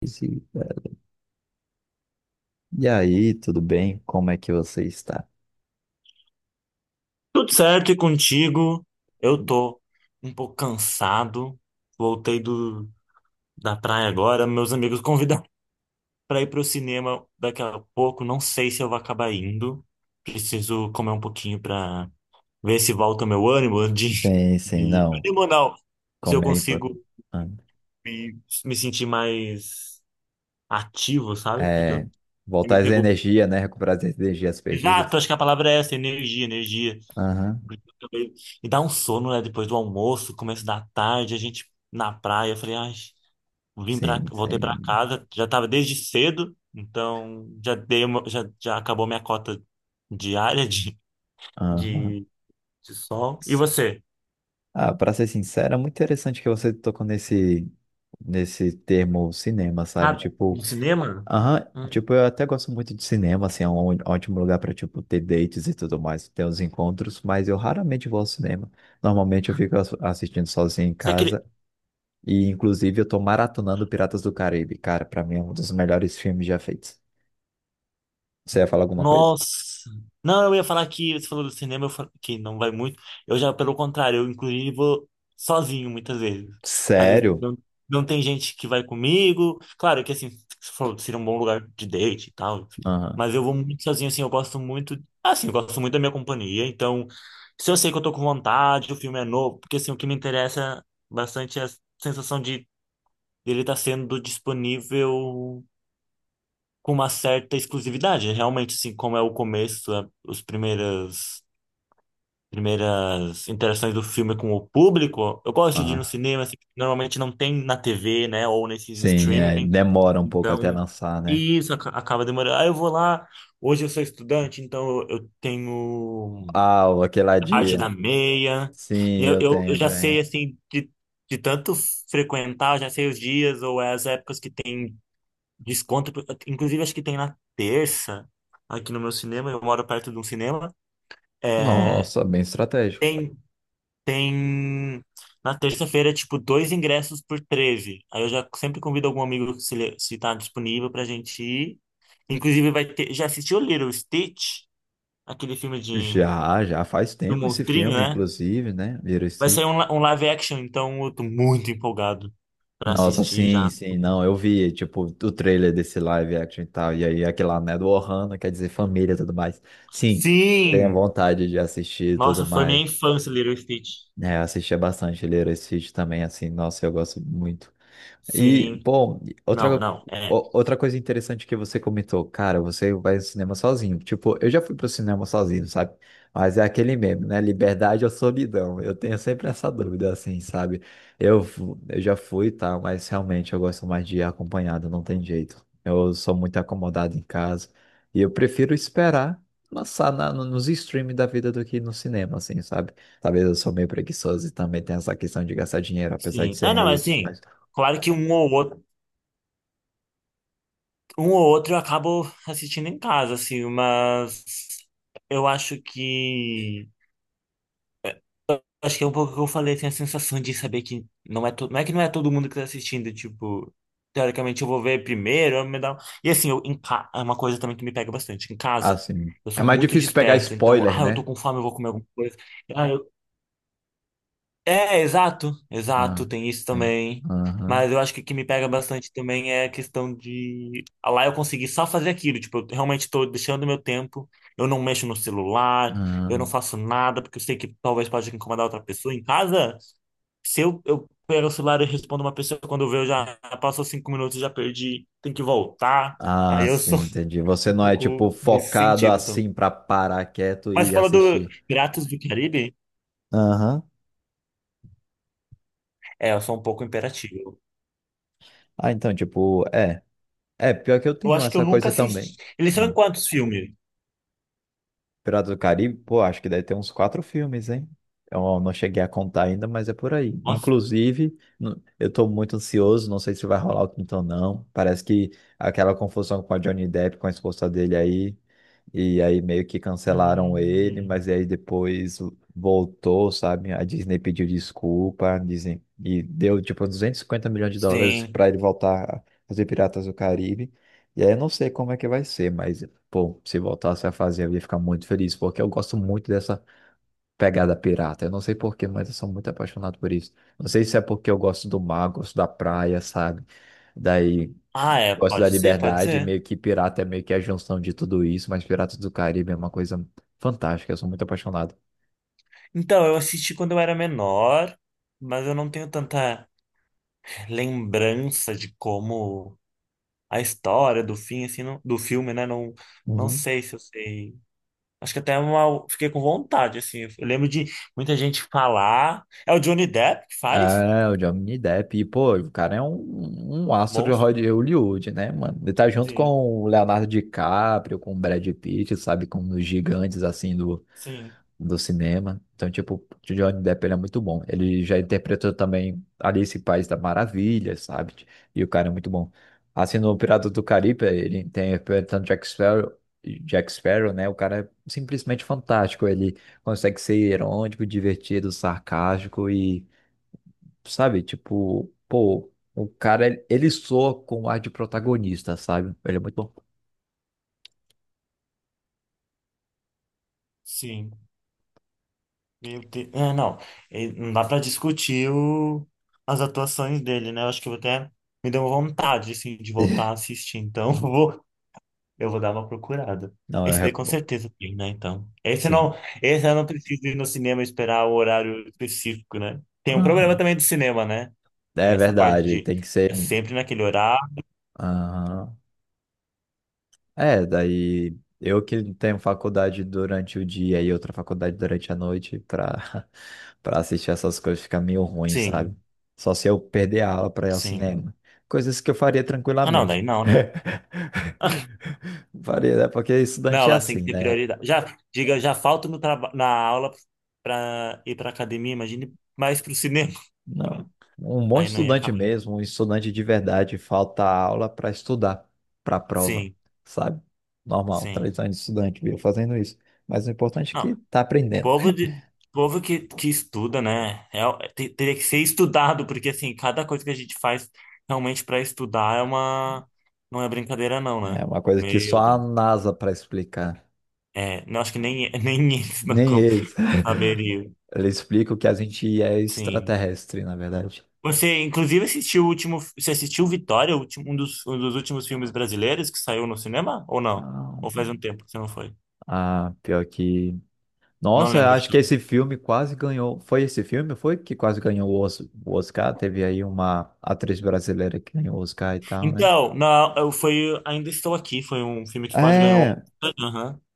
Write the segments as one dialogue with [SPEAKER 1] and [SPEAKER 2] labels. [SPEAKER 1] Velho. E aí, tudo bem? Como é que você está?
[SPEAKER 2] Tudo certo e contigo? Eu tô um pouco cansado. Voltei da praia agora. Meus amigos convidaram para ir pro cinema daqui a pouco. Não sei se eu vou acabar indo. Preciso comer um pouquinho para ver se volta o meu ânimo
[SPEAKER 1] Sim, sim,
[SPEAKER 2] de
[SPEAKER 1] não.
[SPEAKER 2] ânimo não. Se eu
[SPEAKER 1] Comer é
[SPEAKER 2] consigo
[SPEAKER 1] importante.
[SPEAKER 2] me sentir mais ativo, sabe? Porque
[SPEAKER 1] É,
[SPEAKER 2] eu, me
[SPEAKER 1] voltar as
[SPEAKER 2] pegou.
[SPEAKER 1] energias, né? Recuperar as energias
[SPEAKER 2] Exato,
[SPEAKER 1] perdidas.
[SPEAKER 2] acho que a palavra é essa, energia, energia.
[SPEAKER 1] Aham,
[SPEAKER 2] Também. E dá um sono, né? Depois do almoço, começo da tarde, a gente na praia. Eu falei, ai,
[SPEAKER 1] sim,
[SPEAKER 2] voltei pra
[SPEAKER 1] sim.
[SPEAKER 2] casa, já tava desde cedo, então já dei uma, já acabou minha cota diária
[SPEAKER 1] Aham.
[SPEAKER 2] de, de sol. E você?
[SPEAKER 1] Ah, para ser sincero, é muito interessante que você tocou nesse termo cinema, sabe?
[SPEAKER 2] Ah,
[SPEAKER 1] Tipo,
[SPEAKER 2] do cinema?
[SPEAKER 1] aham,
[SPEAKER 2] Hum.
[SPEAKER 1] tipo, eu até gosto muito de cinema, assim, é um ótimo lugar para tipo, ter dates e tudo mais, ter os encontros, mas eu raramente vou ao cinema. Normalmente eu fico assistindo sozinho em
[SPEAKER 2] Você, queria-
[SPEAKER 1] casa e, inclusive, eu tô maratonando Piratas do Caribe. Cara, para mim é um dos melhores filmes já feitos. Você ia falar alguma coisa?
[SPEAKER 2] Nossa. Não, eu ia falar que você falou do cinema, que não vai muito. Eu já, pelo contrário, eu inclusive vou sozinho muitas vezes. Às vezes
[SPEAKER 1] Sério?
[SPEAKER 2] não, não tem gente que vai comigo. Claro que assim, você falou, seria um bom lugar de date e tal.
[SPEAKER 1] Aham,
[SPEAKER 2] Mas eu vou muito sozinho, assim, eu gosto muito. Assim, eu gosto muito da minha companhia. Então, se eu sei que eu tô com vontade, o filme é novo, porque assim, o que me interessa bastante é a sensação de ele estar sendo disponível com uma certa exclusividade. É realmente, assim, como é o começo, os primeiras interações do filme com o público, eu gosto de ir no
[SPEAKER 1] aham.
[SPEAKER 2] cinema, assim, porque normalmente não tem na TV, né, ou nesses
[SPEAKER 1] Sim, é,
[SPEAKER 2] streaming,
[SPEAKER 1] demora um pouco até
[SPEAKER 2] então
[SPEAKER 1] lançar, né?
[SPEAKER 2] isso acaba demorando. Aí eu vou lá, hoje eu sou estudante, então eu tenho
[SPEAKER 1] Ah, o aquele
[SPEAKER 2] a parte da
[SPEAKER 1] ladinho.
[SPEAKER 2] meia, e
[SPEAKER 1] Sim,
[SPEAKER 2] eu,
[SPEAKER 1] eu
[SPEAKER 2] eu, eu
[SPEAKER 1] tenho
[SPEAKER 2] já
[SPEAKER 1] também.
[SPEAKER 2] sei, assim, de tanto frequentar, já sei os dias ou as épocas que tem desconto, inclusive acho que tem na terça, aqui no meu cinema, eu moro perto de um cinema. É,
[SPEAKER 1] Nossa, bem estratégico.
[SPEAKER 2] tem, tem na terça-feira, tipo, dois ingressos por 13. Aí eu já sempre convido algum amigo se, se tá disponível pra gente ir. Inclusive vai ter, já assistiu Little Stitch? Aquele filme de,
[SPEAKER 1] Já, já faz
[SPEAKER 2] do
[SPEAKER 1] tempo esse
[SPEAKER 2] monstrinho,
[SPEAKER 1] filme,
[SPEAKER 2] né?
[SPEAKER 1] inclusive, né?
[SPEAKER 2] Vai sair
[SPEAKER 1] Veracity.
[SPEAKER 2] um live action, então eu tô muito empolgado pra
[SPEAKER 1] Nossa,
[SPEAKER 2] assistir
[SPEAKER 1] sim,
[SPEAKER 2] já.
[SPEAKER 1] sim, não, eu vi, tipo, o trailer desse live action e tal, e aí aquele lá, né, do Ohana, quer dizer família e tudo mais. Sim, tenho
[SPEAKER 2] Sim!
[SPEAKER 1] vontade de assistir e
[SPEAKER 2] Nossa,
[SPEAKER 1] tudo
[SPEAKER 2] foi minha
[SPEAKER 1] mais.
[SPEAKER 2] infância, Little Stitch.
[SPEAKER 1] É, eu assistia bastante Lilo e Stitch também, assim, nossa, eu gosto muito. E,
[SPEAKER 2] Sim.
[SPEAKER 1] bom, outra,
[SPEAKER 2] Não, não.
[SPEAKER 1] outra coisa interessante que você comentou, cara, você vai ao cinema sozinho. Tipo, eu já fui pro cinema sozinho, sabe? Mas é aquele meme, né? Liberdade ou solidão? Eu tenho sempre essa dúvida, assim, sabe? Eu já fui, tá? Mas realmente eu gosto mais de ir acompanhado, não tem jeito. Eu sou muito acomodado em casa e eu prefiro esperar lançar na, no- nos streams da vida do que ir no cinema, assim, sabe? Talvez eu sou meio preguiçoso e também tenho essa questão de gastar dinheiro, apesar de
[SPEAKER 2] Sim.
[SPEAKER 1] ser
[SPEAKER 2] Ah, não,
[SPEAKER 1] meio.
[SPEAKER 2] assim, claro que um ou outro eu acabo assistindo em casa, assim, mas eu acho que. Acho que é um pouco o que eu falei, tem a sensação de saber que não é, não é que não é todo mundo que tá assistindo, tipo, teoricamente eu vou ver primeiro, eu me dá. E assim, eu, é uma coisa também que me pega bastante, em casa.
[SPEAKER 1] Assim.
[SPEAKER 2] Eu
[SPEAKER 1] É
[SPEAKER 2] sou
[SPEAKER 1] mais
[SPEAKER 2] muito
[SPEAKER 1] difícil pegar
[SPEAKER 2] disperso, então,
[SPEAKER 1] spoiler,
[SPEAKER 2] ah, eu tô
[SPEAKER 1] né?
[SPEAKER 2] com fome, eu vou comer alguma coisa. É, exato,
[SPEAKER 1] Ah,
[SPEAKER 2] exato, tem isso
[SPEAKER 1] é.
[SPEAKER 2] também.
[SPEAKER 1] Aham,
[SPEAKER 2] Mas eu acho que o que me pega bastante também é a questão de ah, lá eu consegui só fazer aquilo, tipo, eu realmente tô deixando meu tempo, eu não mexo no celular, eu não
[SPEAKER 1] aham.
[SPEAKER 2] faço nada, porque eu sei que talvez pode incomodar outra pessoa em casa. Se eu pego o celular e respondo uma pessoa, quando eu vejo já passou 5 minutos, já perdi, tem que voltar.
[SPEAKER 1] Ah,
[SPEAKER 2] Aí eu sou
[SPEAKER 1] sim, entendi. Você
[SPEAKER 2] um
[SPEAKER 1] não é, tipo,
[SPEAKER 2] pouco nesse
[SPEAKER 1] focado
[SPEAKER 2] sentido também.
[SPEAKER 1] assim pra parar quieto
[SPEAKER 2] Mas
[SPEAKER 1] e
[SPEAKER 2] fala do
[SPEAKER 1] assistir.
[SPEAKER 2] Piratas do Caribe,
[SPEAKER 1] Aham.
[SPEAKER 2] é, eu sou um pouco imperativo.
[SPEAKER 1] Ah, então, tipo, é. É, pior que eu
[SPEAKER 2] Eu
[SPEAKER 1] tenho
[SPEAKER 2] acho que eu
[SPEAKER 1] essa
[SPEAKER 2] nunca
[SPEAKER 1] coisa
[SPEAKER 2] assisti.
[SPEAKER 1] também.
[SPEAKER 2] Eles são em quantos filmes?
[SPEAKER 1] Piratas do Caribe, pô, acho que deve ter uns quatro filmes, hein? Eu não cheguei a contar ainda, mas é por aí.
[SPEAKER 2] Nossa.
[SPEAKER 1] Inclusive, eu tô muito ansioso, não sei se vai rolar o quinto ou não. Parece que aquela confusão com a Johnny Depp, com a esposa dele aí, e aí meio que cancelaram ele, mas
[SPEAKER 2] Hum,
[SPEAKER 1] aí depois voltou, sabe? A Disney pediu desculpa, dizem, e deu tipo 250 milhões de dólares
[SPEAKER 2] sim.
[SPEAKER 1] para ele voltar a fazer Piratas do Caribe. E aí eu não sei como é que vai ser, mas pô, se voltasse a fazer, eu ia ficar muito feliz, porque eu gosto muito dessa pegada pirata. Eu não sei porquê, mas eu sou muito apaixonado por isso. Não sei se é porque eu gosto do mar, gosto da praia, sabe? Daí,
[SPEAKER 2] Ah, é.
[SPEAKER 1] gosto da
[SPEAKER 2] Pode ser, pode
[SPEAKER 1] liberdade, e
[SPEAKER 2] ser.
[SPEAKER 1] meio que pirata é meio que a junção de tudo isso, mas Piratas do Caribe é uma coisa fantástica, eu sou muito apaixonado.
[SPEAKER 2] Então, eu assisti quando eu era menor, mas eu não tenho tanta lembrança de como a história do fim, assim, do filme, né? Não, não
[SPEAKER 1] Uhum.
[SPEAKER 2] sei se eu sei. Acho que até uma, fiquei com vontade, assim. Eu lembro de muita gente falar. É o Johnny Depp que faz?
[SPEAKER 1] É, o Johnny Depp, e, pô, o cara é um, um astro de
[SPEAKER 2] Monstro?
[SPEAKER 1] Hollywood, né, mano? Ele tá junto com
[SPEAKER 2] Sim,
[SPEAKER 1] o Leonardo DiCaprio, com o Brad Pitt, sabe? Com os gigantes, assim, do
[SPEAKER 2] sim,
[SPEAKER 1] do cinema. Então, tipo, o Johnny Depp ele é muito bom. Ele já interpretou também Alice em País da Maravilha, sabe? E o cara é muito bom. Assim, no Piratas do Caribe, ele interpretando Jack Sparrow, Jack Sparrow, né? O cara é simplesmente fantástico. Ele consegue ser irônico, divertido, sarcástico e, sabe? Tipo, pô, o cara, ele soa com o ar de protagonista, sabe? Ele é muito bom.
[SPEAKER 2] sim. Meu Deus. É, não. E não dá pra discutir as atuações dele, né? Eu acho que eu vou até me deu vontade, assim, de voltar a assistir. Então, eu vou dar uma procurada.
[SPEAKER 1] Não, eu
[SPEAKER 2] Esse daí com
[SPEAKER 1] recomendo.
[SPEAKER 2] certeza tem, né? Então, esse
[SPEAKER 1] Sim.
[SPEAKER 2] não, esse eu não preciso ir no cinema e esperar o horário específico, né? Tem um problema
[SPEAKER 1] Aham.
[SPEAKER 2] também do cinema, né? Tem
[SPEAKER 1] É
[SPEAKER 2] essa parte
[SPEAKER 1] verdade,
[SPEAKER 2] de
[SPEAKER 1] tem que ser.
[SPEAKER 2] é sempre naquele horário.
[SPEAKER 1] Aham. É, daí eu que tenho faculdade durante o dia e outra faculdade durante a noite pra, pra assistir essas coisas fica meio ruim, sabe?
[SPEAKER 2] Sim,
[SPEAKER 1] Só se eu perder a aula pra ir ao
[SPEAKER 2] sim.
[SPEAKER 1] cinema. Coisas que eu faria
[SPEAKER 2] Ah, não, daí
[SPEAKER 1] tranquilamente.
[SPEAKER 2] não, né?
[SPEAKER 1] Faria, né? Porque
[SPEAKER 2] Não,
[SPEAKER 1] estudante é
[SPEAKER 2] mas tem
[SPEAKER 1] assim,
[SPEAKER 2] que ter
[SPEAKER 1] né?
[SPEAKER 2] prioridade. Já, diga, já falto no na aula para ir para academia, imagine mais para o cinema.
[SPEAKER 1] Não. Um bom
[SPEAKER 2] Aí não ia
[SPEAKER 1] estudante
[SPEAKER 2] acabar.
[SPEAKER 1] mesmo, um estudante de verdade, falta a aula para estudar, para a prova,
[SPEAKER 2] Sim,
[SPEAKER 1] sabe? Normal, tradição
[SPEAKER 2] sim.
[SPEAKER 1] de estudante, viu? Fazendo isso. Mas o importante é
[SPEAKER 2] Não,
[SPEAKER 1] que tá aprendendo.
[SPEAKER 2] povo de povo que estuda, né? É, teria que ser estudado, porque assim, cada coisa que a gente faz realmente para estudar é uma não é brincadeira não,
[SPEAKER 1] É
[SPEAKER 2] né?
[SPEAKER 1] uma coisa que só
[SPEAKER 2] Meu
[SPEAKER 1] a
[SPEAKER 2] Deus.
[SPEAKER 1] NASA para explicar.
[SPEAKER 2] É, não acho que nem eles não,
[SPEAKER 1] Nem eles.
[SPEAKER 2] não saberiam.
[SPEAKER 1] Eles explicam que a gente é
[SPEAKER 2] Sim.
[SPEAKER 1] extraterrestre, na verdade.
[SPEAKER 2] Você, inclusive, assistiu o último. Você assistiu Vitória, um dos últimos filmes brasileiros que saiu no cinema? Ou não?
[SPEAKER 1] Ah,
[SPEAKER 2] Ou faz um tempo que você não foi?
[SPEAKER 1] ah, pior que.
[SPEAKER 2] Não
[SPEAKER 1] Nossa, eu
[SPEAKER 2] lembro de
[SPEAKER 1] acho que
[SPEAKER 2] tudo.
[SPEAKER 1] esse filme quase ganhou. Foi esse filme? Foi que quase ganhou o Oscar? Teve aí uma atriz brasileira que ganhou o Oscar e tal, né?
[SPEAKER 2] Então, não, eu foi Ainda Estou Aqui, foi um filme que quase ganhou.
[SPEAKER 1] É.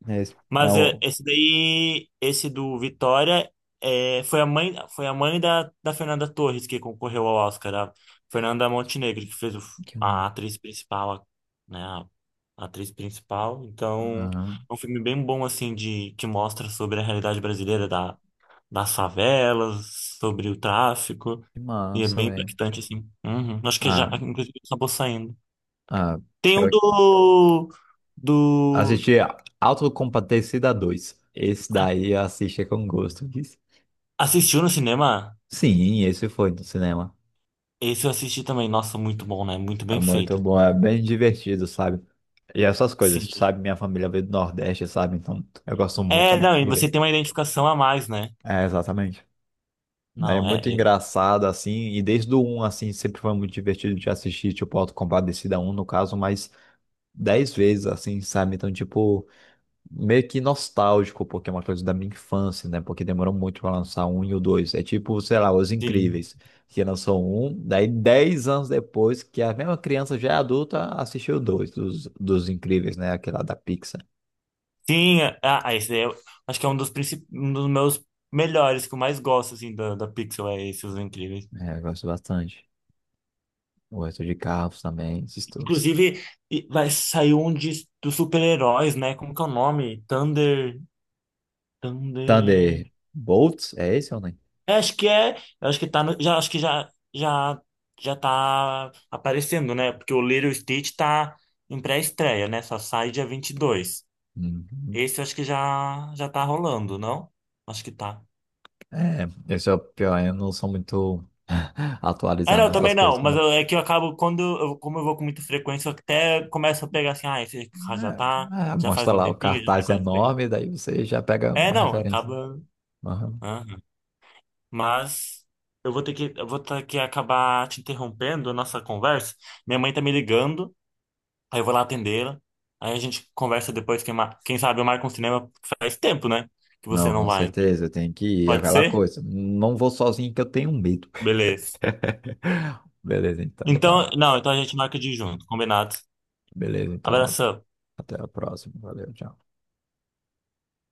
[SPEAKER 1] É, é
[SPEAKER 2] Mas é,
[SPEAKER 1] o...
[SPEAKER 2] esse daí, esse do Vitória, é, foi a mãe da Fernanda Torres que concorreu ao Oscar, a Fernanda Montenegro, que fez
[SPEAKER 1] Que massa.
[SPEAKER 2] a atriz principal, né? A atriz principal. Então,
[SPEAKER 1] Ah,
[SPEAKER 2] é um filme bem bom, assim, que mostra sobre a realidade brasileira das favelas, sobre o tráfico,
[SPEAKER 1] que
[SPEAKER 2] e é
[SPEAKER 1] massa,
[SPEAKER 2] bem
[SPEAKER 1] velho.
[SPEAKER 2] impactante, assim. Uhum. Acho que já,
[SPEAKER 1] Ah,
[SPEAKER 2] inclusive, acabou saindo.
[SPEAKER 1] ah,
[SPEAKER 2] Tem um
[SPEAKER 1] pior que.
[SPEAKER 2] do, do...
[SPEAKER 1] Assisti Autocompadecida 2. Esse daí eu assisti com gosto.
[SPEAKER 2] Assistiu no cinema?
[SPEAKER 1] Sim, esse foi no cinema.
[SPEAKER 2] Esse eu assisti também. Nossa, muito bom, né? Muito
[SPEAKER 1] É
[SPEAKER 2] bem
[SPEAKER 1] muito
[SPEAKER 2] feito.
[SPEAKER 1] bom, é bem divertido, sabe? E essas coisas,
[SPEAKER 2] Sim.
[SPEAKER 1] sabe? Minha família veio do Nordeste, sabe? Então eu gosto muito
[SPEAKER 2] É,
[SPEAKER 1] de
[SPEAKER 2] não, e
[SPEAKER 1] de
[SPEAKER 2] você
[SPEAKER 1] ver.
[SPEAKER 2] tem uma identificação a mais, né?
[SPEAKER 1] É, exatamente. Daí é
[SPEAKER 2] Não, é.
[SPEAKER 1] muito
[SPEAKER 2] É-
[SPEAKER 1] engraçado, assim, e desde o um assim, sempre foi muito divertido de assistir, tipo, Auto da um no caso, mas 10 vezes, assim, sabe? Então, tipo, meio que nostálgico, porque é uma coisa da minha infância, né? Porque demorou muito para lançar um e o dois. É tipo, sei lá, Os
[SPEAKER 2] Sim.
[SPEAKER 1] Incríveis, que lançou um, daí 10 anos depois, que a mesma criança já é adulta assistiu o dois dos Incríveis, né? Aquela da Pixar.
[SPEAKER 2] Sim, ah, ah, esse daí eu acho que é um dos meus melhores, que eu mais gosto, assim, da Pixel, é esse, Os Incríveis.
[SPEAKER 1] É, eu gosto bastante. O resto de Carros também, esses todos.
[SPEAKER 2] Inclusive, e vai sair um dos super-heróis, né? Como que é o nome? Thunder... Thunder...
[SPEAKER 1] Thunderbolts, é esse ou não?
[SPEAKER 2] É, acho que é, eu acho que tá no, já acho que já tá aparecendo, né? Porque o Lilo e Stitch tá em pré-estreia, né? Só sai dia 22.
[SPEAKER 1] Uhum.
[SPEAKER 2] Esse eu acho que já tá rolando, não? Acho que tá.
[SPEAKER 1] É, esse é o pior, eu não sou muito
[SPEAKER 2] Ah,
[SPEAKER 1] atualizado
[SPEAKER 2] não,
[SPEAKER 1] nessas
[SPEAKER 2] também não,
[SPEAKER 1] coisas,
[SPEAKER 2] mas
[SPEAKER 1] né?
[SPEAKER 2] é que eu acabo quando eu, como eu vou com muita frequência, eu até começo a pegar assim, ah, esse já tá,
[SPEAKER 1] É, é,
[SPEAKER 2] já
[SPEAKER 1] mostra
[SPEAKER 2] faz um
[SPEAKER 1] lá o
[SPEAKER 2] tempinho, já tá
[SPEAKER 1] cartaz
[SPEAKER 2] quase terminando.
[SPEAKER 1] enorme, daí você já pega
[SPEAKER 2] É,
[SPEAKER 1] uma
[SPEAKER 2] não,
[SPEAKER 1] referência.
[SPEAKER 2] acaba.
[SPEAKER 1] Aham.
[SPEAKER 2] Aham. Mas eu vou ter que acabar te interrompendo a nossa conversa. Minha mãe tá me ligando. Aí eu vou lá atender, aí a gente conversa depois, quem, quem sabe eu marco um cinema, porque faz tempo, né? Que você
[SPEAKER 1] Não,
[SPEAKER 2] não
[SPEAKER 1] com
[SPEAKER 2] vai, então.
[SPEAKER 1] certeza, tem que ir, é
[SPEAKER 2] Pode
[SPEAKER 1] aquela
[SPEAKER 2] ser?
[SPEAKER 1] coisa. Não vou sozinho que eu tenho medo.
[SPEAKER 2] Beleza.
[SPEAKER 1] Beleza, então,
[SPEAKER 2] Então,
[SPEAKER 1] então.
[SPEAKER 2] não, então a gente marca de ir junto, combinado.
[SPEAKER 1] Beleza, então.
[SPEAKER 2] Abração.
[SPEAKER 1] Até a próxima. Valeu, tchau.